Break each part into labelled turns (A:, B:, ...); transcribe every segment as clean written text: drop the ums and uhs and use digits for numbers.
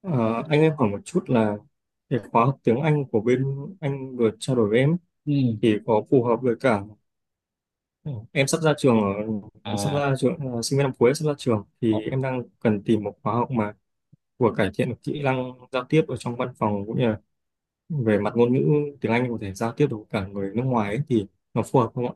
A: Ờ, anh, em hỏi một chút là cái khóa học tiếng Anh của bên anh vừa trao đổi với em ấy,
B: Ừ.
A: thì có phù hợp với cả ừ, em sắp ra trường ở sắp
B: À,
A: ra trường ờ, sinh viên năm cuối sắp ra trường,
B: ờ,
A: thì em đang cần tìm một khóa học mà vừa cải thiện được kỹ năng giao tiếp ở trong văn phòng, cũng như là về mặt ngôn ngữ tiếng Anh có thể giao tiếp được với cả người nước ngoài ấy, thì nó phù hợp không ạ?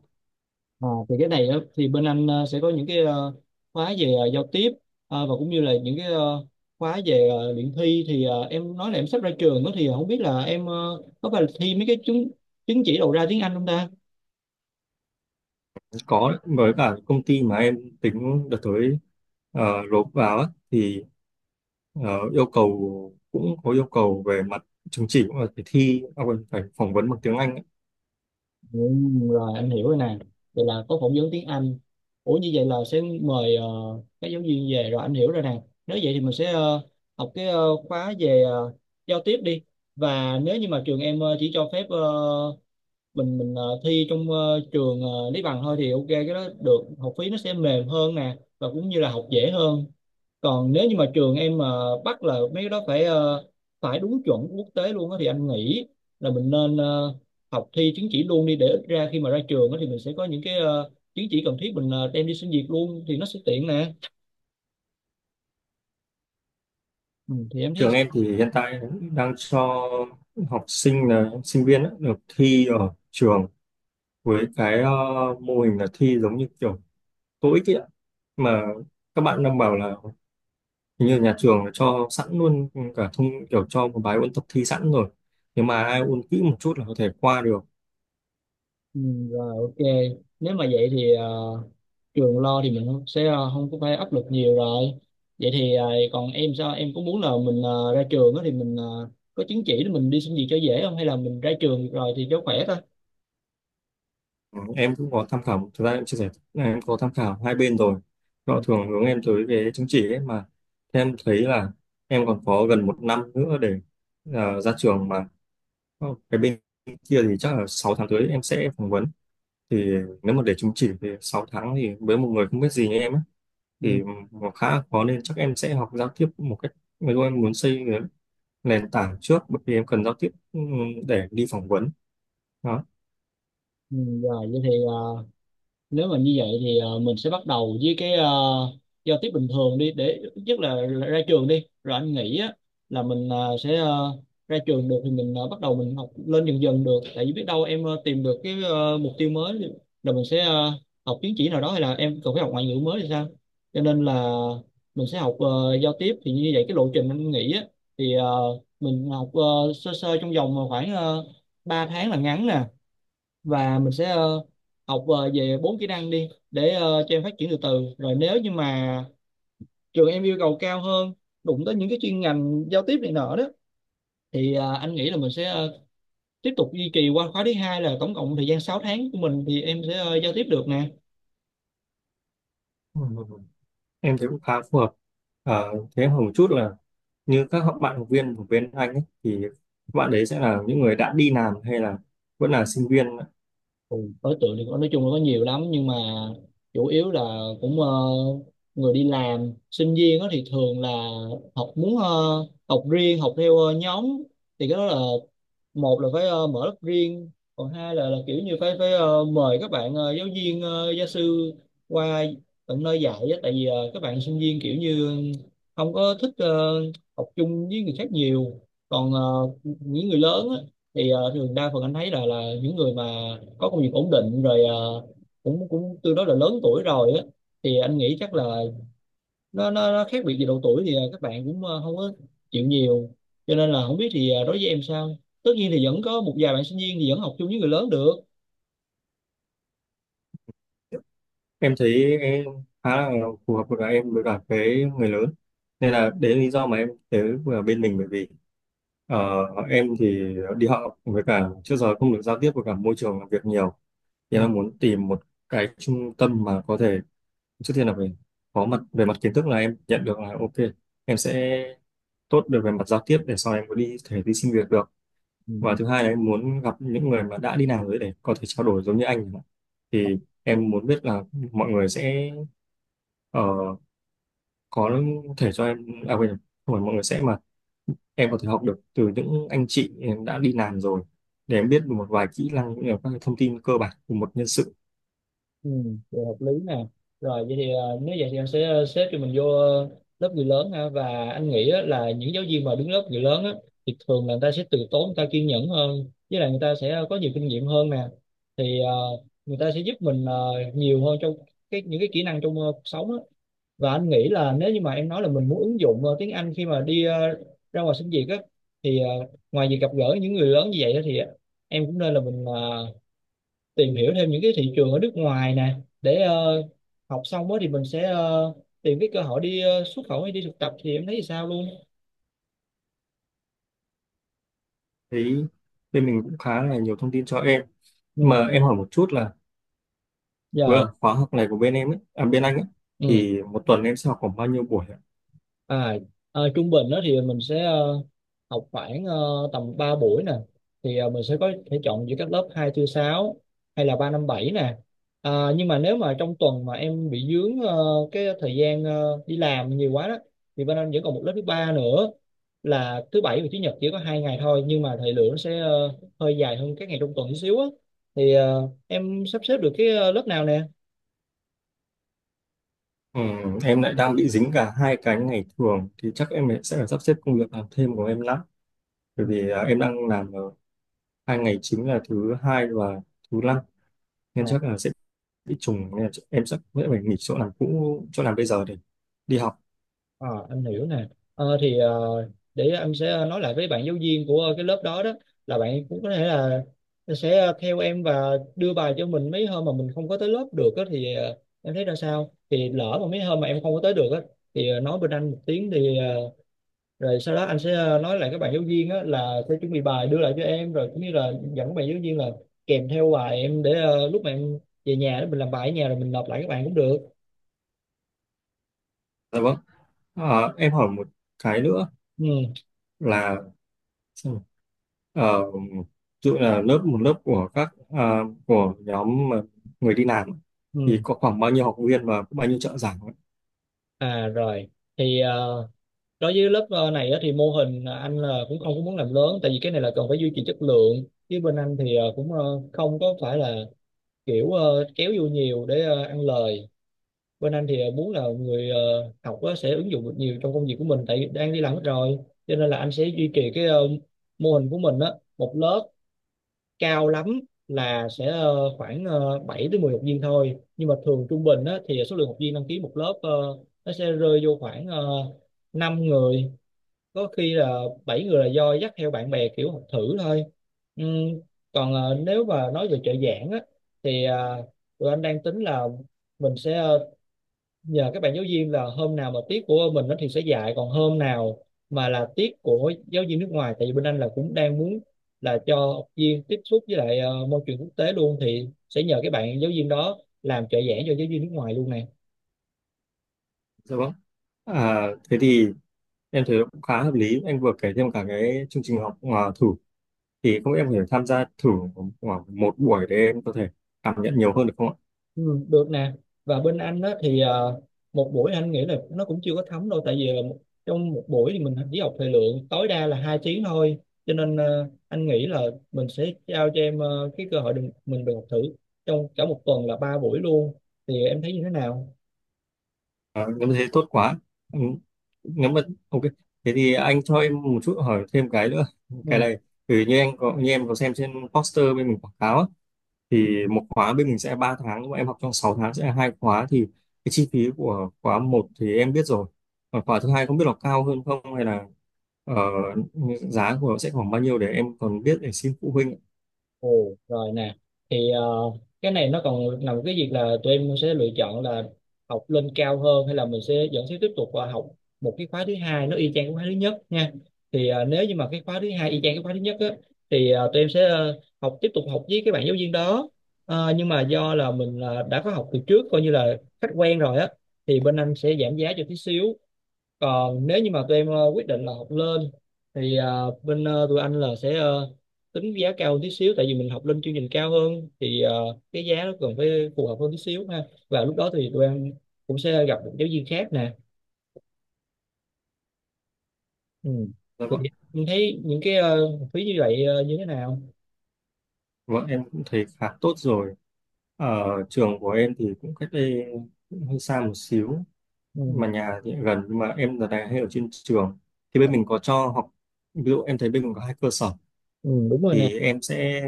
B: ờ, thì cái này á, thì bên anh sẽ có những cái khóa về giao tiếp và cũng như là những cái khóa về luyện thi thì em nói là em sắp ra trường đó, thì không biết là em có phải là thi mấy cái chứng chứng chỉ đầu ra tiếng Anh không ta?
A: Có, với cả công ty mà em tính đợt tới nộp vào á, thì Ờ, yêu cầu, cũng có yêu cầu về mặt chứng chỉ, cũng là phải thi à, quên, phải phỏng vấn bằng tiếng Anh ấy.
B: Ừ, rồi anh hiểu rồi nè. Vậy là có phỏng vấn tiếng Anh. Ủa như vậy là sẽ mời các giáo viên về rồi anh hiểu rồi nè. Nếu vậy thì mình sẽ học cái khóa về giao tiếp đi. Và nếu như mà trường em chỉ cho phép mình thi trong trường Lý Bằng thôi thì ok, cái đó được, học phí nó sẽ mềm hơn nè và cũng như là học dễ hơn. Còn nếu như mà trường em mà bắt là mấy cái đó phải phải đúng chuẩn quốc tế luôn á thì anh nghĩ là mình nên học thi chứng chỉ luôn đi để ít ra khi mà ra trường á thì mình sẽ có những cái chứng chỉ cần thiết, mình đem đi xin việc luôn thì nó sẽ tiện nè. Ừ, thì em thấy.
A: Trường em thì hiện tại đang cho học sinh, là sinh viên ấy, được thi ở trường với cái mô hình là thi giống như kiểu TOEIC ấy ạ. Mà các bạn đang bảo là hình như nhà trường là cho sẵn luôn cả kiểu cho một bài ôn tập thi sẵn rồi, nhưng mà ai ôn kỹ một chút là có thể qua được.
B: Ừ, rồi ok, nếu mà vậy thì trường lo thì mình không- sẽ không có phải áp lực nhiều rồi. Vậy thì còn em sao, em có muốn là mình ra trường á thì mình có chứng chỉ để mình đi xin việc cho dễ không, hay là mình ra trường rồi thì cho khỏe thôi?
A: Ừ, em cũng có tham khảo. Thực ra em chia sẻ là em có tham khảo hai bên rồi,
B: ừ,
A: họ thường hướng em tới cái chứng chỉ ấy mà. Thế em thấy là em còn có gần một năm nữa để ra trường mà. Cái bên kia thì chắc là 6 tháng tới em sẽ phỏng vấn. Thì nếu mà để chứng chỉ thì 6 tháng, thì với một người không biết gì như em ấy
B: ừ,
A: thì nó khá là khó, nên chắc em sẽ học giao tiếp một cách ví dụ em muốn xây cái nền tảng trước, bởi vì em cần giao tiếp để đi phỏng vấn đó.
B: ừ, Rồi vậy thì nếu mà như vậy thì mình sẽ bắt đầu với cái giao tiếp bình thường đi để nhất là ra trường đi rồi anh nghĩ á, là mình sẽ ra trường được thì mình bắt đầu mình học lên dần dần được, tại vì biết đâu em tìm được cái mục tiêu mới rồi mình sẽ học chứng chỉ nào đó, hay là em cần phải học ngoại ngữ mới thì sao. Cho nên là mình sẽ học giao tiếp. Thì như vậy cái lộ trình anh nghĩ á, thì mình học sơ sơ trong vòng khoảng uh, 3 tháng là ngắn nè, và mình sẽ học về bốn kỹ năng đi để cho em phát triển từ từ, rồi nếu như mà trường em yêu cầu cao hơn, đụng tới những cái chuyên ngành giao tiếp này nọ đó thì anh nghĩ là mình sẽ tiếp tục duy trì qua khóa thứ hai, là tổng cộng thời gian 6 tháng của mình thì em sẽ giao tiếp được nè.
A: Ừ. Em thấy cũng khá phù hợp. Thế em hỏi một chút là như các bạn học viên của bên anh ấy, thì các bạn đấy sẽ là những người đã đi làm hay là vẫn là sinh viên?
B: Ừ, đối tượng thì nói chung là có nhiều lắm, nhưng mà chủ yếu là cũng người đi làm. Sinh viên đó thì thường là học muốn học riêng, học theo nhóm, thì cái đó là một là phải mở lớp riêng, còn hai là kiểu như phải phải ờ, mời các bạn giáo viên gia sư qua tận nơi dạy á, tại vì các bạn sinh viên kiểu như không có thích học chung với người khác nhiều. Còn những người lớn á thì thường đa phần anh thấy là những người mà có công việc ổn định rồi, cũng cũng tương đối là lớn tuổi rồi á, thì anh nghĩ chắc là nó khác biệt về độ tuổi thì các bạn cũng không có chịu nhiều, cho nên là không biết thì đối với em sao. Tất nhiên thì vẫn có một vài bạn sinh viên thì vẫn học chung với người lớn được.
A: Em thấy khá là phù hợp với em, đối cả với người lớn, nên là đấy là lý do mà em tới vừa bên mình. Bởi vì ờ, em thì đi học với cả trước giờ không được giao tiếp với cả môi trường làm việc nhiều, thì em muốn tìm một cái trung tâm mà có thể trước tiên là về có mặt về mặt kiến thức là em nhận được là ok, em sẽ tốt được về mặt giao tiếp để sau này em có thể đi xin việc được. Và
B: Ừ.
A: thứ hai là em muốn gặp những người mà đã đi làm rồi để có thể trao đổi giống như anh chẳng hạn. Thì em muốn biết là mọi người sẽ ờ, có thể cho em, à quên, không phải mọi người sẽ, mà em có thể học được từ những anh chị em đã đi làm rồi, để em biết được một vài kỹ năng cũng như là các cái thông tin cơ bản của một nhân sự.
B: Ừ, vậy hợp lý nè. Rồi vậy thì nếu vậy thì em sẽ xếp cho mình vô lớp người lớn ha, và anh nghĩ á, là những giáo viên mà đứng lớp người lớn á, thì thường là người ta sẽ từ tốn, người ta kiên nhẫn hơn, với lại người ta sẽ có nhiều kinh nghiệm hơn nè. Thì người ta sẽ giúp mình nhiều hơn trong cái những cái kỹ năng trong cuộc sống á. Và anh nghĩ là nếu như mà em nói là mình muốn ứng dụng tiếng Anh khi mà đi ra ngoài xin việc á, thì ngoài việc gặp gỡ những người lớn như vậy á, thì em cũng nên là mình tìm hiểu thêm những cái thị trường ở nước ngoài nè, để học xong á thì mình sẽ tìm cái cơ hội đi xuất khẩu hay đi thực tập thì em thấy thì sao luôn.
A: Thấy bên mình cũng khá là nhiều thông tin cho em.
B: Ừ
A: Mà em hỏi một chút là
B: rồi
A: vừa khóa học này của bên em ấy, à, bên anh ấy,
B: ừ.
A: thì một tuần em sẽ học khoảng bao nhiêu buổi?
B: À, trung bình đó thì mình sẽ học khoảng tầm 3 buổi nè. Thì mình sẽ có thể chọn giữa các lớp 2, tư, 6 hay là 3, 5, 7 nè. À, nhưng mà nếu mà trong tuần mà em bị dướng cái thời gian đi làm nhiều quá đó, thì bên anh vẫn còn một lớp thứ ba nữa là thứ bảy và chủ nhật, chỉ có hai ngày thôi, nhưng mà thời lượng nó sẽ hơi dài hơn các ngày trong tuần chút xíu á. Thì em sắp xếp được cái lớp nào nè?
A: Em lại đang bị dính cả hai cái ngày thường, thì chắc em sẽ phải sắp xếp công việc làm thêm của em lắm, bởi vì em đang làm ở 2 ngày chính là thứ hai và thứ năm,
B: Ừ.
A: nên chắc là sẽ bị trùng, nên là em sẽ phải nghỉ chỗ làm cũ, chỗ làm bây giờ, để đi học.
B: Ờ, em hiểu nè. Ờ, thì để em sẽ nói lại với bạn giáo viên của cái lớp đó đó, là bạn cũng có thể là sẽ theo em và đưa bài cho mình mấy hôm mà mình không có tới lớp được á, thì em thấy ra sao? Thì lỡ mà mấy hôm mà em không có tới được á, thì nói bên anh một tiếng, thì rồi sau đó anh sẽ nói lại các bạn giáo viên á, là sẽ chuẩn bị bài đưa lại cho em, rồi cũng như là dẫn các bạn giáo viên là kèm theo bài em, để lúc mà em về nhà đó, mình làm bài ở nhà rồi mình nộp lại các bạn cũng được.
A: Dạ vâng. À, em hỏi một cái nữa
B: Ừ,
A: là, xem nào, ví dụ là một lớp của của nhóm mà người đi làm ấy,
B: ừ.
A: thì có khoảng bao nhiêu học viên và có bao nhiêu trợ giảng ạ?
B: à rồi thì đối với lớp này á, thì mô hình anh là cũng không có muốn làm lớn, tại vì cái này là cần phải duy trì chất lượng, chứ bên anh thì cũng không có phải là kiểu kéo vô nhiều để ăn lời. Bên anh thì muốn là người học á, sẽ ứng dụng được nhiều trong công việc của mình, tại vì đang đi làm hết rồi, cho nên là anh sẽ duy trì cái mô hình của mình á. Một lớp cao lắm là sẽ khoảng 7 đến 10 học viên thôi, nhưng mà thường trung bình á, thì số lượng học viên đăng ký một lớp nó sẽ rơi vô khoảng uh, 5 người, có khi là bảy người là do dắt theo bạn bè kiểu học thử thôi. Ừm, còn nếu mà nói về trợ giảng á, thì tụi anh đang tính là mình sẽ nhờ các bạn giáo viên là hôm nào mà tiết của mình nó thì sẽ dạy, còn hôm nào mà là tiết của giáo viên nước ngoài, tại vì bên anh là cũng đang muốn là cho học viên tiếp xúc với lại môi trường quốc tế luôn, thì sẽ nhờ các bạn giáo viên đó làm trợ giảng cho giáo viên nước ngoài luôn nè.
A: Dạ vâng. À, thế thì em thấy cũng khá hợp lý. Anh vừa kể thêm cả cái chương trình học thử, thì không biết em có thể tham gia thử khoảng một buổi để em có thể cảm nhận nhiều hơn được không ạ?
B: Ừ, được nè. Và bên anh đó thì một buổi anh nghĩ là nó cũng chưa có thấm đâu, tại vì là trong một buổi thì mình chỉ học thời lượng tối đa là hai tiếng thôi, cho nên anh nghĩ là mình sẽ trao cho em cái cơ hội đừng, mình được học thử trong cả một tuần là ba buổi luôn. Thì em thấy như thế nào?
A: À, nếu mà thế tốt quá. Ừ. Nếu mà ok, thế thì anh cho em một chút hỏi thêm cái nữa. Cái
B: Ừ.
A: này thì như em có xem trên poster bên mình quảng cáo á, thì một khóa bên mình sẽ 3 tháng, mà em học trong 6 tháng sẽ là hai khóa, thì cái chi phí của khóa một thì em biết rồi, còn khóa thứ hai không biết là cao hơn không, hay là ờ, giá của nó sẽ khoảng bao nhiêu, để em còn biết để xin phụ huynh.
B: Ồ, rồi nè. Thì cái này nó còn nằm cái việc là tụi em sẽ lựa chọn là học lên cao hơn, hay là mình sẽ vẫn sẽ tiếp tục học một cái khóa thứ hai nó y chang cái khóa thứ nhất nha. Thì nếu như mà cái khóa thứ hai y chang cái khóa thứ nhất á, thì tụi em sẽ học tiếp tục học với cái bạn giáo viên đó. Ờ, nhưng mà do là mình đã có học từ trước, coi như là khách quen rồi á, thì bên anh sẽ giảm giá cho tí xíu. Còn nếu như mà tụi em quyết định là học lên, thì tụi anh là sẽ tính giá cao hơn tí xíu, tại vì mình học lên chương trình cao hơn thì cái giá nó cần phải phù hợp hơn tí xíu ha. Và lúc đó thì tụi em cũng sẽ gặp một giáo viên khác nè. Ừ.
A: Dạ
B: Thì
A: vâng.
B: em thấy những cái học phí như vậy như thế nào?
A: Vâng, em cũng thấy khá tốt rồi. Ở trường của em thì cũng cách đây cũng hơi xa một xíu, mà
B: Ừ.
A: nhà thì gần, nhưng mà em giờ này hay ở trên trường, thì bên mình có cho học, ví dụ em thấy bên mình có hai cơ sở,
B: ừ, đúng rồi nè.
A: thì em sẽ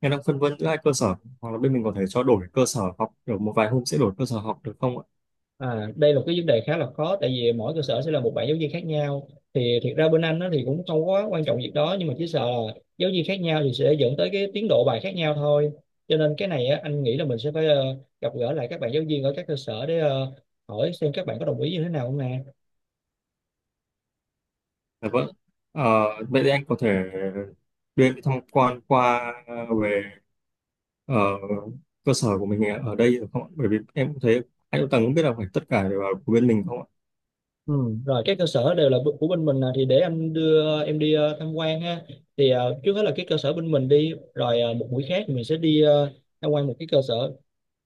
A: em đang phân vân giữa hai cơ sở, hoặc là bên mình có thể cho đổi cơ sở học kiểu một vài hôm sẽ đổi cơ sở học được không ạ?
B: À, đây là một cái vấn đề khá là khó, tại vì mỗi cơ sở sẽ là một bạn giáo viên khác nhau. Thì thiệt ra bên anh nó thì cũng không quá quan trọng việc đó, nhưng mà chỉ sợ là giáo viên khác nhau thì sẽ dẫn tới cái tiến độ bài khác nhau thôi. Cho nên cái này á, anh nghĩ là mình sẽ phải gặp gỡ lại các bạn giáo viên ở các cơ sở, để hỏi xem các bạn có đồng ý như thế nào không nè.
A: Dạ vâng. Ờ, Vậy thì anh có thể đưa em đi tham quan về ờ, cơ sở của mình ở đây được không ạ? Bởi vì em cũng thấy anh cũng không biết là phải tất cả đều là của bên mình không ạ?
B: Ừ, rồi các cơ sở đều là của bên mình nè, thì để anh đưa em đi tham quan ha. Thì trước hết là cái cơ sở bên mình đi, rồi một buổi khác thì mình sẽ đi tham quan một cái cơ sở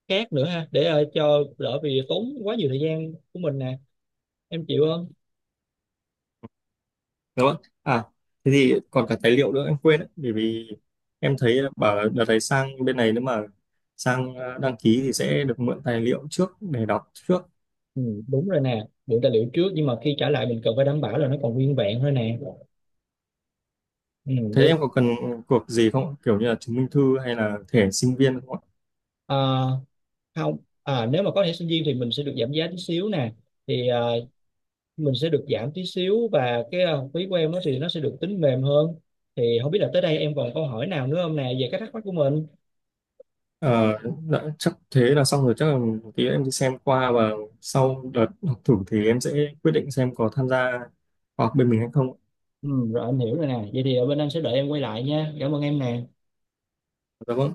B: khác nữa ha, để cho đỡ vì tốn quá nhiều thời gian của mình nè. Em chịu không?
A: Dạ vâng. À, thế thì còn cả tài liệu nữa em quên đấy, bởi vì em thấy bảo là đợt này sang bên này, nếu mà sang đăng ký thì sẽ được mượn tài liệu trước để đọc trước.
B: Ừ, đúng rồi nè, mượn tài liệu trước, nhưng mà khi trả lại mình cần phải đảm bảo là nó còn nguyên vẹn thôi nè. Ừ,
A: Thế
B: để.
A: em có cần cuộc gì không? Kiểu như là chứng minh thư hay là thẻ sinh viên không ạ?
B: ờ, Không. À, nếu mà có thẻ sinh viên thì mình sẽ được giảm giá tí xíu nè. Thì mình sẽ được giảm tí xíu, và cái học phí của em đó thì nó sẽ được tính mềm hơn. Thì không biết là tới đây em còn câu hỏi nào nữa không nè, về cái thắc mắc của mình.
A: Ờ, dạ, chắc thế là xong rồi. Chắc là một tí em đi xem qua và sau đợt học thử thì em sẽ quyết định xem có tham gia khóa học bên mình hay không.
B: Ừ, rồi anh hiểu rồi nè. Vậy thì ở bên anh sẽ đợi em quay lại nha. Cảm ơn em nè.
A: Dạ vâng.